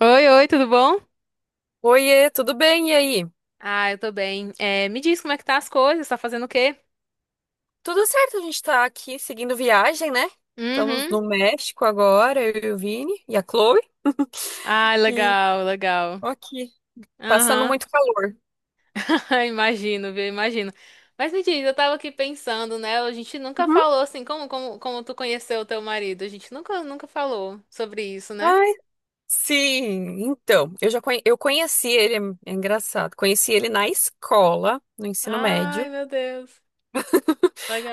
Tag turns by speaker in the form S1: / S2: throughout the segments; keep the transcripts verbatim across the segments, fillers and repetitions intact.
S1: Oi, oi, tudo bom?
S2: Oiê, tudo bem? E aí?
S1: Ah, eu tô bem. É, me diz como é que tá as coisas, tá fazendo o quê?
S2: Tudo certo, a gente tá aqui seguindo viagem, né? Estamos
S1: Uhum.
S2: no México agora, eu e o Vini e a Chloe.
S1: Ah,
S2: E
S1: legal, legal.
S2: aqui, passando
S1: Aham.
S2: muito calor.
S1: Imagino, viu? Imagino. Mas me diz, eu tava aqui pensando, né? A gente nunca
S2: Uhum.
S1: falou assim, como, como, como tu conheceu o teu marido? A gente nunca, nunca falou sobre isso, né?
S2: Ai, sim, então, eu já conhe- eu conheci ele, é é engraçado, conheci ele na escola, no ensino
S1: Ai,
S2: médio.
S1: meu Deus.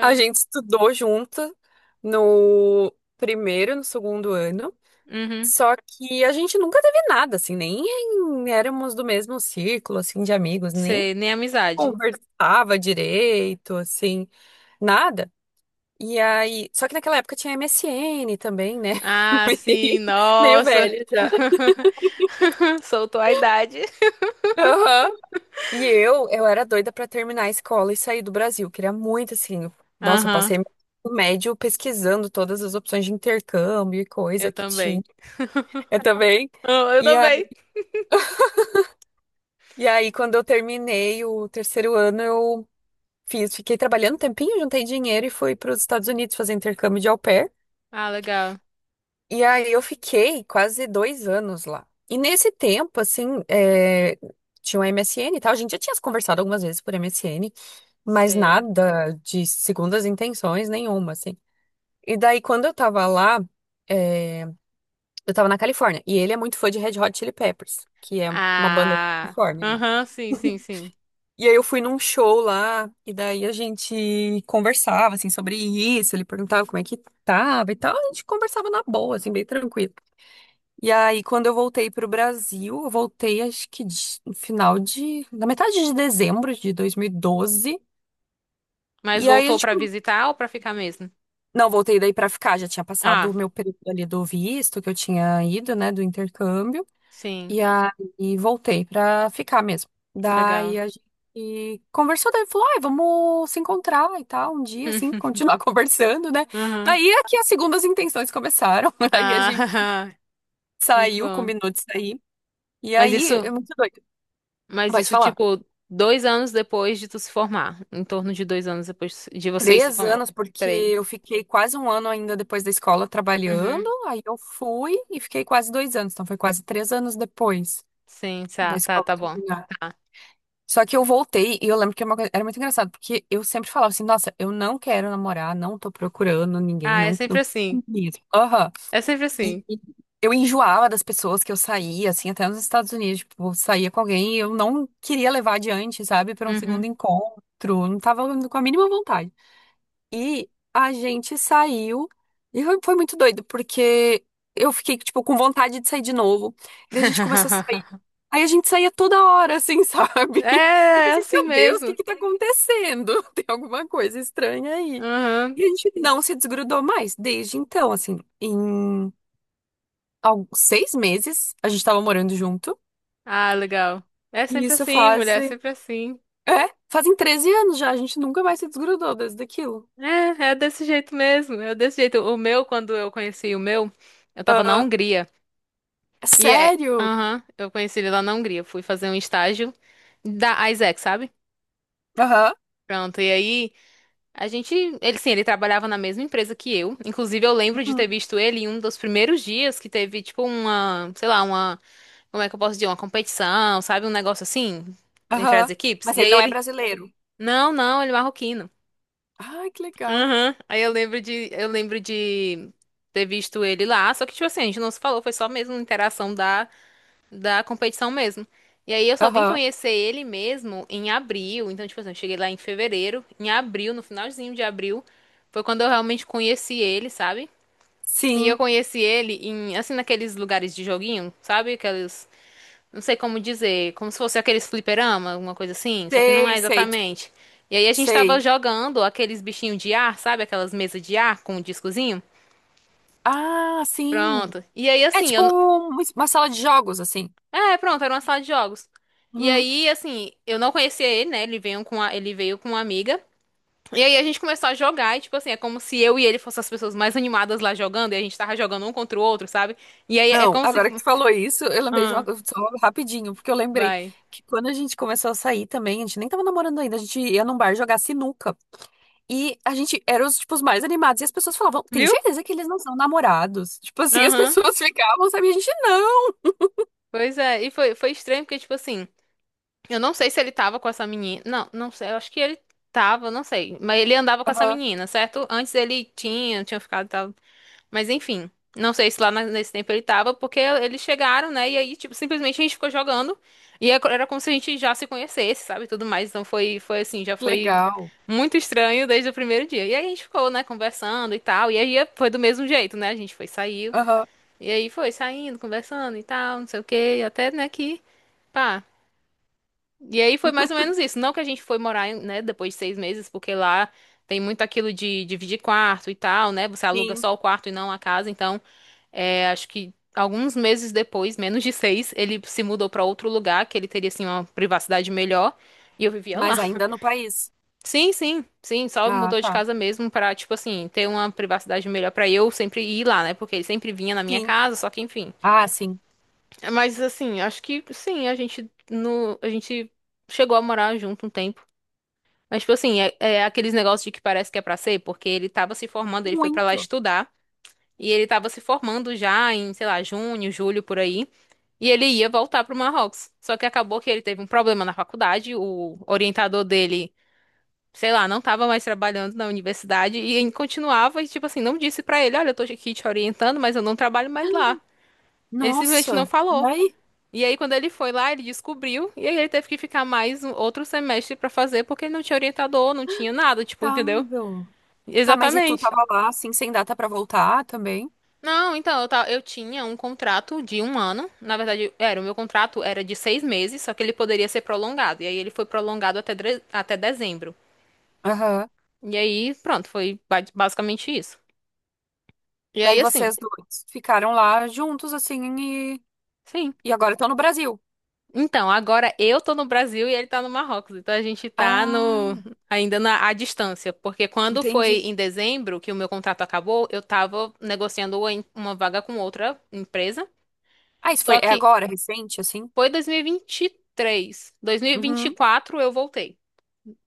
S2: A gente estudou junto no primeiro e no segundo ano.
S1: Uhum.
S2: Só que a gente nunca teve nada, assim, nem éramos do mesmo círculo, assim, de amigos, nem
S1: Sei, nem amizade.
S2: conversava direito, assim, nada. E aí, só que naquela época tinha M S N também, né?
S1: Ah,
S2: Meio,
S1: sim,
S2: meio
S1: nossa.
S2: velha já.
S1: Soltou a idade.
S2: Aham. E eu, eu era doida pra terminar a escola e sair do Brasil. Queria muito, assim, nossa, eu
S1: Aham,
S2: passei o médio pesquisando todas as opções de intercâmbio e
S1: eu
S2: coisa que
S1: também.
S2: tinha. Eu também.
S1: Ah, eu
S2: E aí,
S1: também.
S2: e aí, quando eu terminei o terceiro ano, eu Fiz, fiquei trabalhando um tempinho, juntei dinheiro e fui para os Estados Unidos fazer intercâmbio de au pair.
S1: Ah, legal.
S2: E aí eu fiquei quase dois anos lá. E nesse tempo, assim, é, tinha um M S N e tal. A gente já tinha se conversado algumas vezes por M S N, mas
S1: Sei.
S2: nada de segundas intenções nenhuma, assim. E daí, quando eu tava lá, é, eu tava na Califórnia. E ele é muito fã de Red Hot Chili Peppers, que é uma banda da
S1: Ah,
S2: Califórnia, né?
S1: aham, sim, sim, sim.
S2: E aí eu fui num show lá, e daí a gente conversava, assim, sobre isso, ele perguntava como é que tava e tal, a gente conversava na boa, assim, bem tranquilo. E aí, quando eu voltei pro Brasil, eu voltei, acho que de- no final de na metade de dezembro de dois mil e doze, e doze,
S1: Mas
S2: e aí a
S1: voltou
S2: gente
S1: pra visitar ou pra ficar mesmo?
S2: Não, voltei daí pra ficar, já tinha passado o
S1: Ah,
S2: meu período ali do visto, que eu tinha ido, né, do intercâmbio.
S1: sim,
S2: E aí voltei pra ficar mesmo.
S1: legal.
S2: Daí a gente conversou, daí falou, ai, vamos se encontrar e tal, um dia, assim, continuar conversando, né?
S1: Aham.
S2: Daí é que as segundas intenções começaram. Aí a gente
S1: Ah, muito
S2: saiu,
S1: bom.
S2: combinou de sair. E
S1: Mas
S2: aí,
S1: isso,
S2: é muito doido.
S1: mas
S2: Vai te
S1: isso,
S2: falar.
S1: tipo, dois anos depois de tu se formar. Em torno de dois anos depois de vocês se
S2: Três
S1: formar.
S2: anos, porque
S1: Peraí.
S2: eu fiquei quase um ano ainda depois da escola trabalhando.
S1: Uhum.
S2: Aí eu fui e fiquei quase dois anos. Então foi quase três anos depois
S1: Sim,
S2: da
S1: tá, tá,
S2: escola
S1: tá bom.
S2: terminar.
S1: Tá.
S2: Só que eu voltei e eu lembro que é uma coisa- era muito engraçado, porque eu sempre falava assim, nossa, eu não quero namorar, não tô procurando ninguém,
S1: Ah, é
S2: não,
S1: sempre
S2: não
S1: assim.
S2: quero mesmo. Aham.
S1: É sempre
S2: E
S1: assim.
S2: eu enjoava das pessoas que eu saía, assim, até nos Estados Unidos, tipo, eu saía com alguém e eu não queria levar adiante, sabe, para um segundo
S1: Uhum.
S2: encontro, não tava com a mínima vontade. E a gente saiu e foi foi muito doido, porque eu fiquei, tipo, com vontade de sair de novo. Daí a gente começou a sair. Aí a gente saía toda hora, assim, sabe?
S1: É,
S2: Eu
S1: é
S2: pensei,
S1: assim
S2: meu Deus, o que
S1: mesmo.
S2: que tá acontecendo? Tem alguma coisa estranha aí.
S1: Aham.
S2: E a gente não se desgrudou mais desde então, assim, em al- seis meses a gente tava morando junto.
S1: Ah, legal. É
S2: E
S1: sempre
S2: isso
S1: assim,
S2: faz.
S1: mulher, é sempre assim.
S2: É, fazem treze anos já, a gente nunca mais se desgrudou desde aquilo.
S1: É, é desse jeito mesmo, é desse jeito. O meu, quando eu conheci o meu, eu tava na
S2: Aham.
S1: Hungria.
S2: É
S1: E é.
S2: Sério?
S1: Aham, eu conheci ele lá na Hungria. Fui fazer um estágio da Isaac, sabe?
S2: Aham.
S1: Pronto, e aí a gente. Ele sim, ele trabalhava na mesma empresa que eu. Inclusive, eu lembro de ter visto ele em um dos primeiros dias que teve, tipo, uma. Sei lá, uma. Como é que eu posso dizer? Uma competição, sabe? Um negócio assim, entre as
S2: Aham.
S1: equipes.
S2: Mas
S1: E
S2: ele
S1: aí
S2: não é
S1: ele.
S2: brasileiro.
S1: Não, não, ele é marroquino.
S2: Ai, que legal.
S1: Aham. Aí eu lembro de, eu lembro de ter visto ele lá, só que tipo assim, a gente não se falou, foi só mesmo interação da, da competição mesmo. E aí eu só vim
S2: Aham.
S1: conhecer ele mesmo em abril, então tipo assim, eu cheguei lá em fevereiro, em abril, no finalzinho de abril, foi quando eu realmente conheci ele, sabe? E eu
S2: Sim.
S1: conheci ele em, assim, naqueles lugares de joguinho, sabe? Aqueles não sei como dizer, como se fosse aqueles fliperama, alguma coisa assim, só que não
S2: Sei,
S1: é
S2: sei, tipo,
S1: exatamente. E aí a gente tava
S2: sei.
S1: jogando aqueles bichinhos de ar, sabe? Aquelas mesas de ar com um discozinho.
S2: Ah, sim.
S1: Pronto. E aí
S2: É
S1: assim,
S2: tipo
S1: eu. n-
S2: um- uma sala de jogos, assim.
S1: É, pronto, era uma sala de jogos. E
S2: Uhum.
S1: aí, assim, eu não conhecia ele, né? Ele veio com a... ele veio com uma amiga. E aí a gente começou a jogar e, tipo assim, é como se eu e ele fossem as pessoas mais animadas lá jogando e a gente tava jogando um contra o outro, sabe? E aí é
S2: Não,
S1: como se.
S2: agora que
S1: fo-
S2: tu falou isso, eu lembrei de uma
S1: Ah,
S2: coisa só rapidinho, porque eu lembrei
S1: vai.
S2: que quando a gente começou a sair também, a gente nem tava namorando ainda, a gente ia num bar jogar sinuca. E a gente era os, tipo, os mais animados. E as pessoas falavam, tem
S1: Viu?
S2: certeza que eles não são namorados? Tipo assim, as
S1: Aham.
S2: pessoas ficavam, sabe? E a gente não.
S1: Pois é. E foi, foi estranho porque, tipo assim. Eu não sei se ele tava com essa menina. Não, não sei. Eu acho que ele tava, não sei. Mas ele andava com essa
S2: Aham.
S1: menina, certo? Antes ele tinha, tinha ficado, tava... Mas enfim, não sei se lá na- nesse tempo ele tava, porque eles chegaram, né? E aí, tipo, simplesmente a gente ficou jogando. E é co- era como se a gente já se conhecesse, sabe? Tudo mais. Então foi, foi assim, já
S2: Que
S1: foi
S2: legal.
S1: muito estranho desde o primeiro dia. E aí a gente ficou, né, conversando e tal. E aí foi do mesmo jeito, né? A gente foi, saiu.
S2: Aham.
S1: E aí foi saindo, conversando e tal, não sei o quê. Até, né, que. Pá. E aí foi mais ou menos isso. Não que a gente foi morar, em- né, depois de seis meses, porque lá tem muito aquilo de dividir quarto e tal, né? Você aluga
S2: Sim.
S1: só o quarto e não a casa. Então, é, acho que alguns meses depois, menos de seis, ele se mudou pra outro lugar, que ele teria, assim, uma privacidade melhor. E eu vivia lá.
S2: Mas ainda no país.
S1: Sim, sim, sim. Só
S2: Ah,
S1: mudou de
S2: tá.
S1: casa mesmo pra, tipo assim, ter uma privacidade melhor pra eu sempre ir lá, né? Porque ele sempre vinha na minha
S2: Sim.
S1: casa, só que enfim.
S2: Ah, sim.
S1: Mas, assim, acho que sim, a gente, no, a gente chegou a morar junto um tempo. Mas, tipo assim, é, é aqueles negócios de que parece que é pra ser, porque ele tava se formando, ele foi pra lá
S2: Muito.
S1: estudar, e ele tava se formando já em, sei lá, junho, julho, por aí, e ele ia voltar pro Marrocos. Só que acabou que ele teve um problema na faculdade, o orientador dele, sei lá, não tava mais trabalhando na universidade, e ele continuava, e, tipo assim, não disse pra ele, olha, eu tô aqui te orientando, mas eu não trabalho mais lá. Ele simplesmente
S2: Nossa,
S1: não falou. E aí, quando ele foi lá, ele descobriu, e aí ele teve que ficar mais um- outro semestre pra fazer, porque ele não tinha orientador, não tinha nada, tipo, entendeu?
S2: lamentável. Tá, mas e tu
S1: Exatamente.
S2: tava lá, assim, sem data pra voltar também?
S1: Não, então, eu, ta- eu tinha um contrato de um ano. Na verdade, era, o meu contrato era de seis meses, só que ele poderia ser prolongado. E aí ele foi prolongado até, dre- até dezembro.
S2: Aham.
S1: E aí, pronto, foi ba- basicamente isso. E
S2: Daí
S1: aí, assim,
S2: vocês dois ficaram lá juntos, assim, e,
S1: sim.
S2: e agora estão no Brasil.
S1: Então, agora eu tô no Brasil e ele tá no Marrocos. Então a gente tá no,
S2: Ah,
S1: ainda na, à distância. Porque quando foi
S2: entendi.
S1: em dezembro que o meu contrato acabou, eu tava negociando em- uma vaga com outra empresa.
S2: Ah, isso foi,
S1: Só
S2: é
S1: que
S2: agora, recente, assim?
S1: foi dois mil e vinte e três.
S2: Uhum,
S1: dois mil e vinte e quatro eu voltei.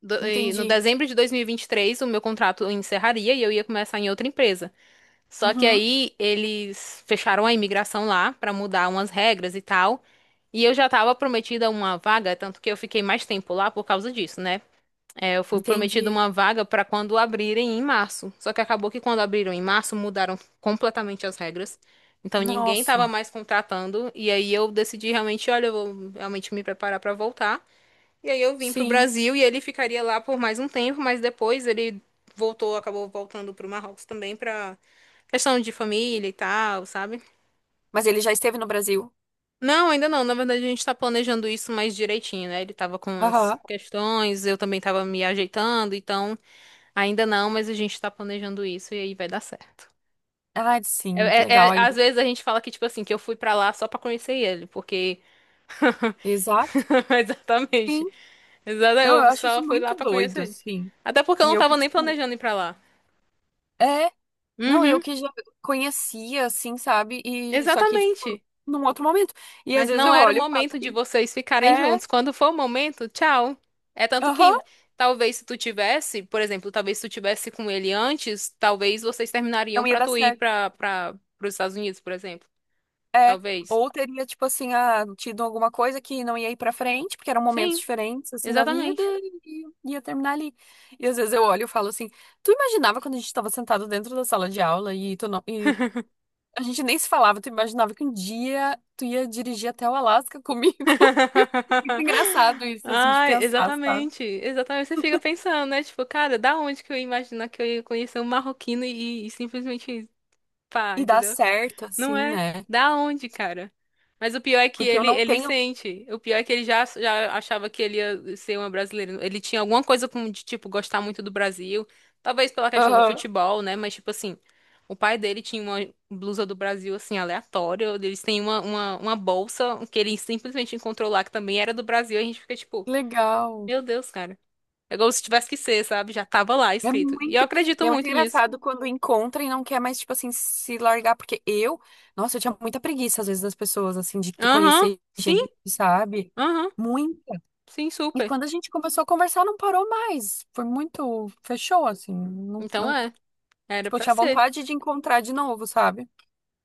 S1: Do- e No
S2: entendi.
S1: dezembro de dois mil e vinte e três, o meu contrato encerraria e eu ia começar em outra empresa. Só que
S2: Uhum,
S1: aí eles fecharam a imigração lá pra mudar umas regras e tal. E eu já tava prometida uma vaga, tanto que eu fiquei mais tempo lá por causa disso, né? É, eu fui prometida
S2: entendi.
S1: uma vaga para quando abrirem em março. Só que acabou que quando abriram em março, mudaram completamente as regras. Então ninguém estava
S2: Nossa,
S1: mais contratando. E aí eu decidi realmente, olha, eu vou realmente me preparar para voltar. E aí eu vim para o
S2: sim.
S1: Brasil e ele ficaria lá por mais um tempo, mas depois ele voltou, acabou voltando para o Marrocos também para questão de família e tal, sabe?
S2: Mas ele já esteve no Brasil?
S1: Não, ainda não. Na verdade, a gente tá planejando isso mais direitinho, né? Ele tava com as
S2: Aham.
S1: questões, eu também tava me ajeitando, então. Ainda não, mas a gente tá planejando isso e aí vai dar certo.
S2: Ah,
S1: É,
S2: sim, que
S1: é-
S2: legal.
S1: é-
S2: Aí.
S1: às vezes a gente fala que, tipo assim, que eu fui pra lá só pra conhecer ele, porque.
S2: Exato.
S1: Exatamente.
S2: Sim.
S1: Exatamente.
S2: Não, eu
S1: Eu
S2: acho
S1: só
S2: isso
S1: fui lá
S2: muito
S1: pra
S2: doido,
S1: conhecer ele.
S2: assim.
S1: Até porque eu
S2: E
S1: não
S2: eu que,
S1: tava nem
S2: tipo,
S1: planejando ir pra lá.
S2: é, não, eu
S1: Uhum,
S2: que já conhecia, assim, sabe? E só que, tipo,
S1: exatamente.
S2: num outro momento. E às
S1: Mas
S2: vezes
S1: não
S2: eu
S1: era o
S2: olho e falo
S1: momento de
S2: assim,
S1: vocês ficarem
S2: é,
S1: juntos. Quando for o momento, tchau. É tanto
S2: aham,
S1: que talvez se tu tivesse, por exemplo, talvez se tu tivesse com ele antes, talvez vocês terminariam
S2: não ia
S1: pra
S2: dar
S1: tu ir
S2: certo.
S1: pra, pra, pros Estados Unidos, por exemplo.
S2: É.
S1: Talvez.
S2: Ou teria, tipo assim, ah, tido alguma coisa que não ia ir pra frente, porque eram momentos
S1: Sim.
S2: diferentes, assim, da vida,
S1: Exatamente.
S2: e ia terminar ali. E às vezes eu olho e falo assim, tu imaginava quando a gente tava sentado dentro da sala de aula e tu não, e a gente nem se falava, tu imaginava que um dia tu ia dirigir até o Alasca comigo? Muito engraçado isso, assim, de
S1: Ai,
S2: pensar, sabe?
S1: exatamente. Exatamente. Você fica pensando, né? Tipo, cara, da onde que eu ia imaginar que eu ia conhecer um marroquino e, e simplesmente pá,
S2: E dá
S1: entendeu?
S2: certo, assim,
S1: Não é?
S2: né?
S1: Da onde, cara? Mas o pior é que
S2: Porque eu
S1: ele,
S2: não
S1: ele
S2: tenho.
S1: sente. O pior é que ele já, já achava que ele ia ser uma brasileira. Ele tinha alguma coisa com, de, tipo, gostar muito do Brasil. Talvez pela questão do
S2: Aham,
S1: futebol, né? Mas, tipo assim, o pai dele tinha uma blusa do Brasil, assim, aleatória. Eles têm uma, uma, uma bolsa que ele simplesmente encontrou lá, que também era do Brasil. E a gente fica, tipo,
S2: legal.
S1: meu Deus, cara. É como se tivesse que ser, sabe? Já tava lá
S2: É
S1: escrito. E eu
S2: muito. E
S1: acredito
S2: é muito
S1: muito nisso.
S2: engraçado quando encontra e não quer mais, tipo assim, se largar. Porque eu, nossa, eu tinha muita preguiça, às vezes, das pessoas, assim, de
S1: Aham,
S2: conhecer
S1: sim,
S2: gente, sabe?
S1: aham,
S2: Muita.
S1: sim,
S2: E
S1: super.
S2: quando a gente começou a conversar, não parou mais. Foi muito. Fechou, assim. Não,
S1: Então
S2: não
S1: é. Era
S2: Tipo, eu
S1: pra
S2: tinha
S1: ser.
S2: vontade de encontrar de novo, sabe?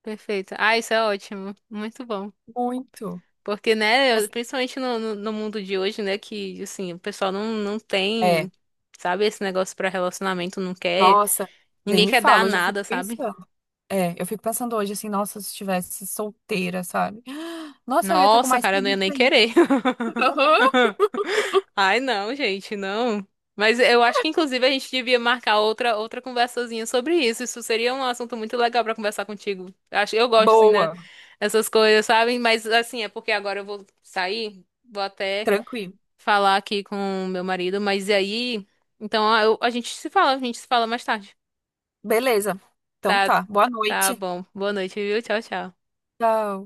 S1: Perfeito. Ah, isso é ótimo. Muito bom.
S2: Muito.
S1: Porque, né, eu-
S2: Mas,
S1: principalmente no, no, no mundo de hoje, né, que, assim, o pessoal não, não
S2: é.
S1: tem, sabe, esse negócio pra relacionamento, não quer.
S2: Nossa. Nem
S1: Ninguém
S2: me
S1: quer dar
S2: fala, hoje eu fico
S1: nada, sabe?
S2: pensando. É, eu fico pensando hoje assim, nossa, se estivesse solteira, sabe? Nossa, eu ia estar com
S1: Nossa,
S2: mais
S1: cara, eu não ia
S2: preguiça
S1: nem
S2: ainda.
S1: querer. Ai, não, gente, não. Mas eu acho que inclusive a gente devia marcar outra outra conversazinha sobre isso. Isso seria um assunto muito legal pra conversar contigo. Acho, eu gosto assim, né?
S2: Boa,
S1: Essas coisas, sabe? Mas assim, é porque agora eu vou sair, vou até
S2: tranquilo.
S1: falar aqui com meu marido, mas e aí, então a, eu- a gente se fala, a gente se fala mais tarde.
S2: Beleza. Então
S1: Tá,
S2: tá, boa
S1: tá
S2: noite.
S1: bom. Boa noite, viu? Tchau, tchau.
S2: Tchau.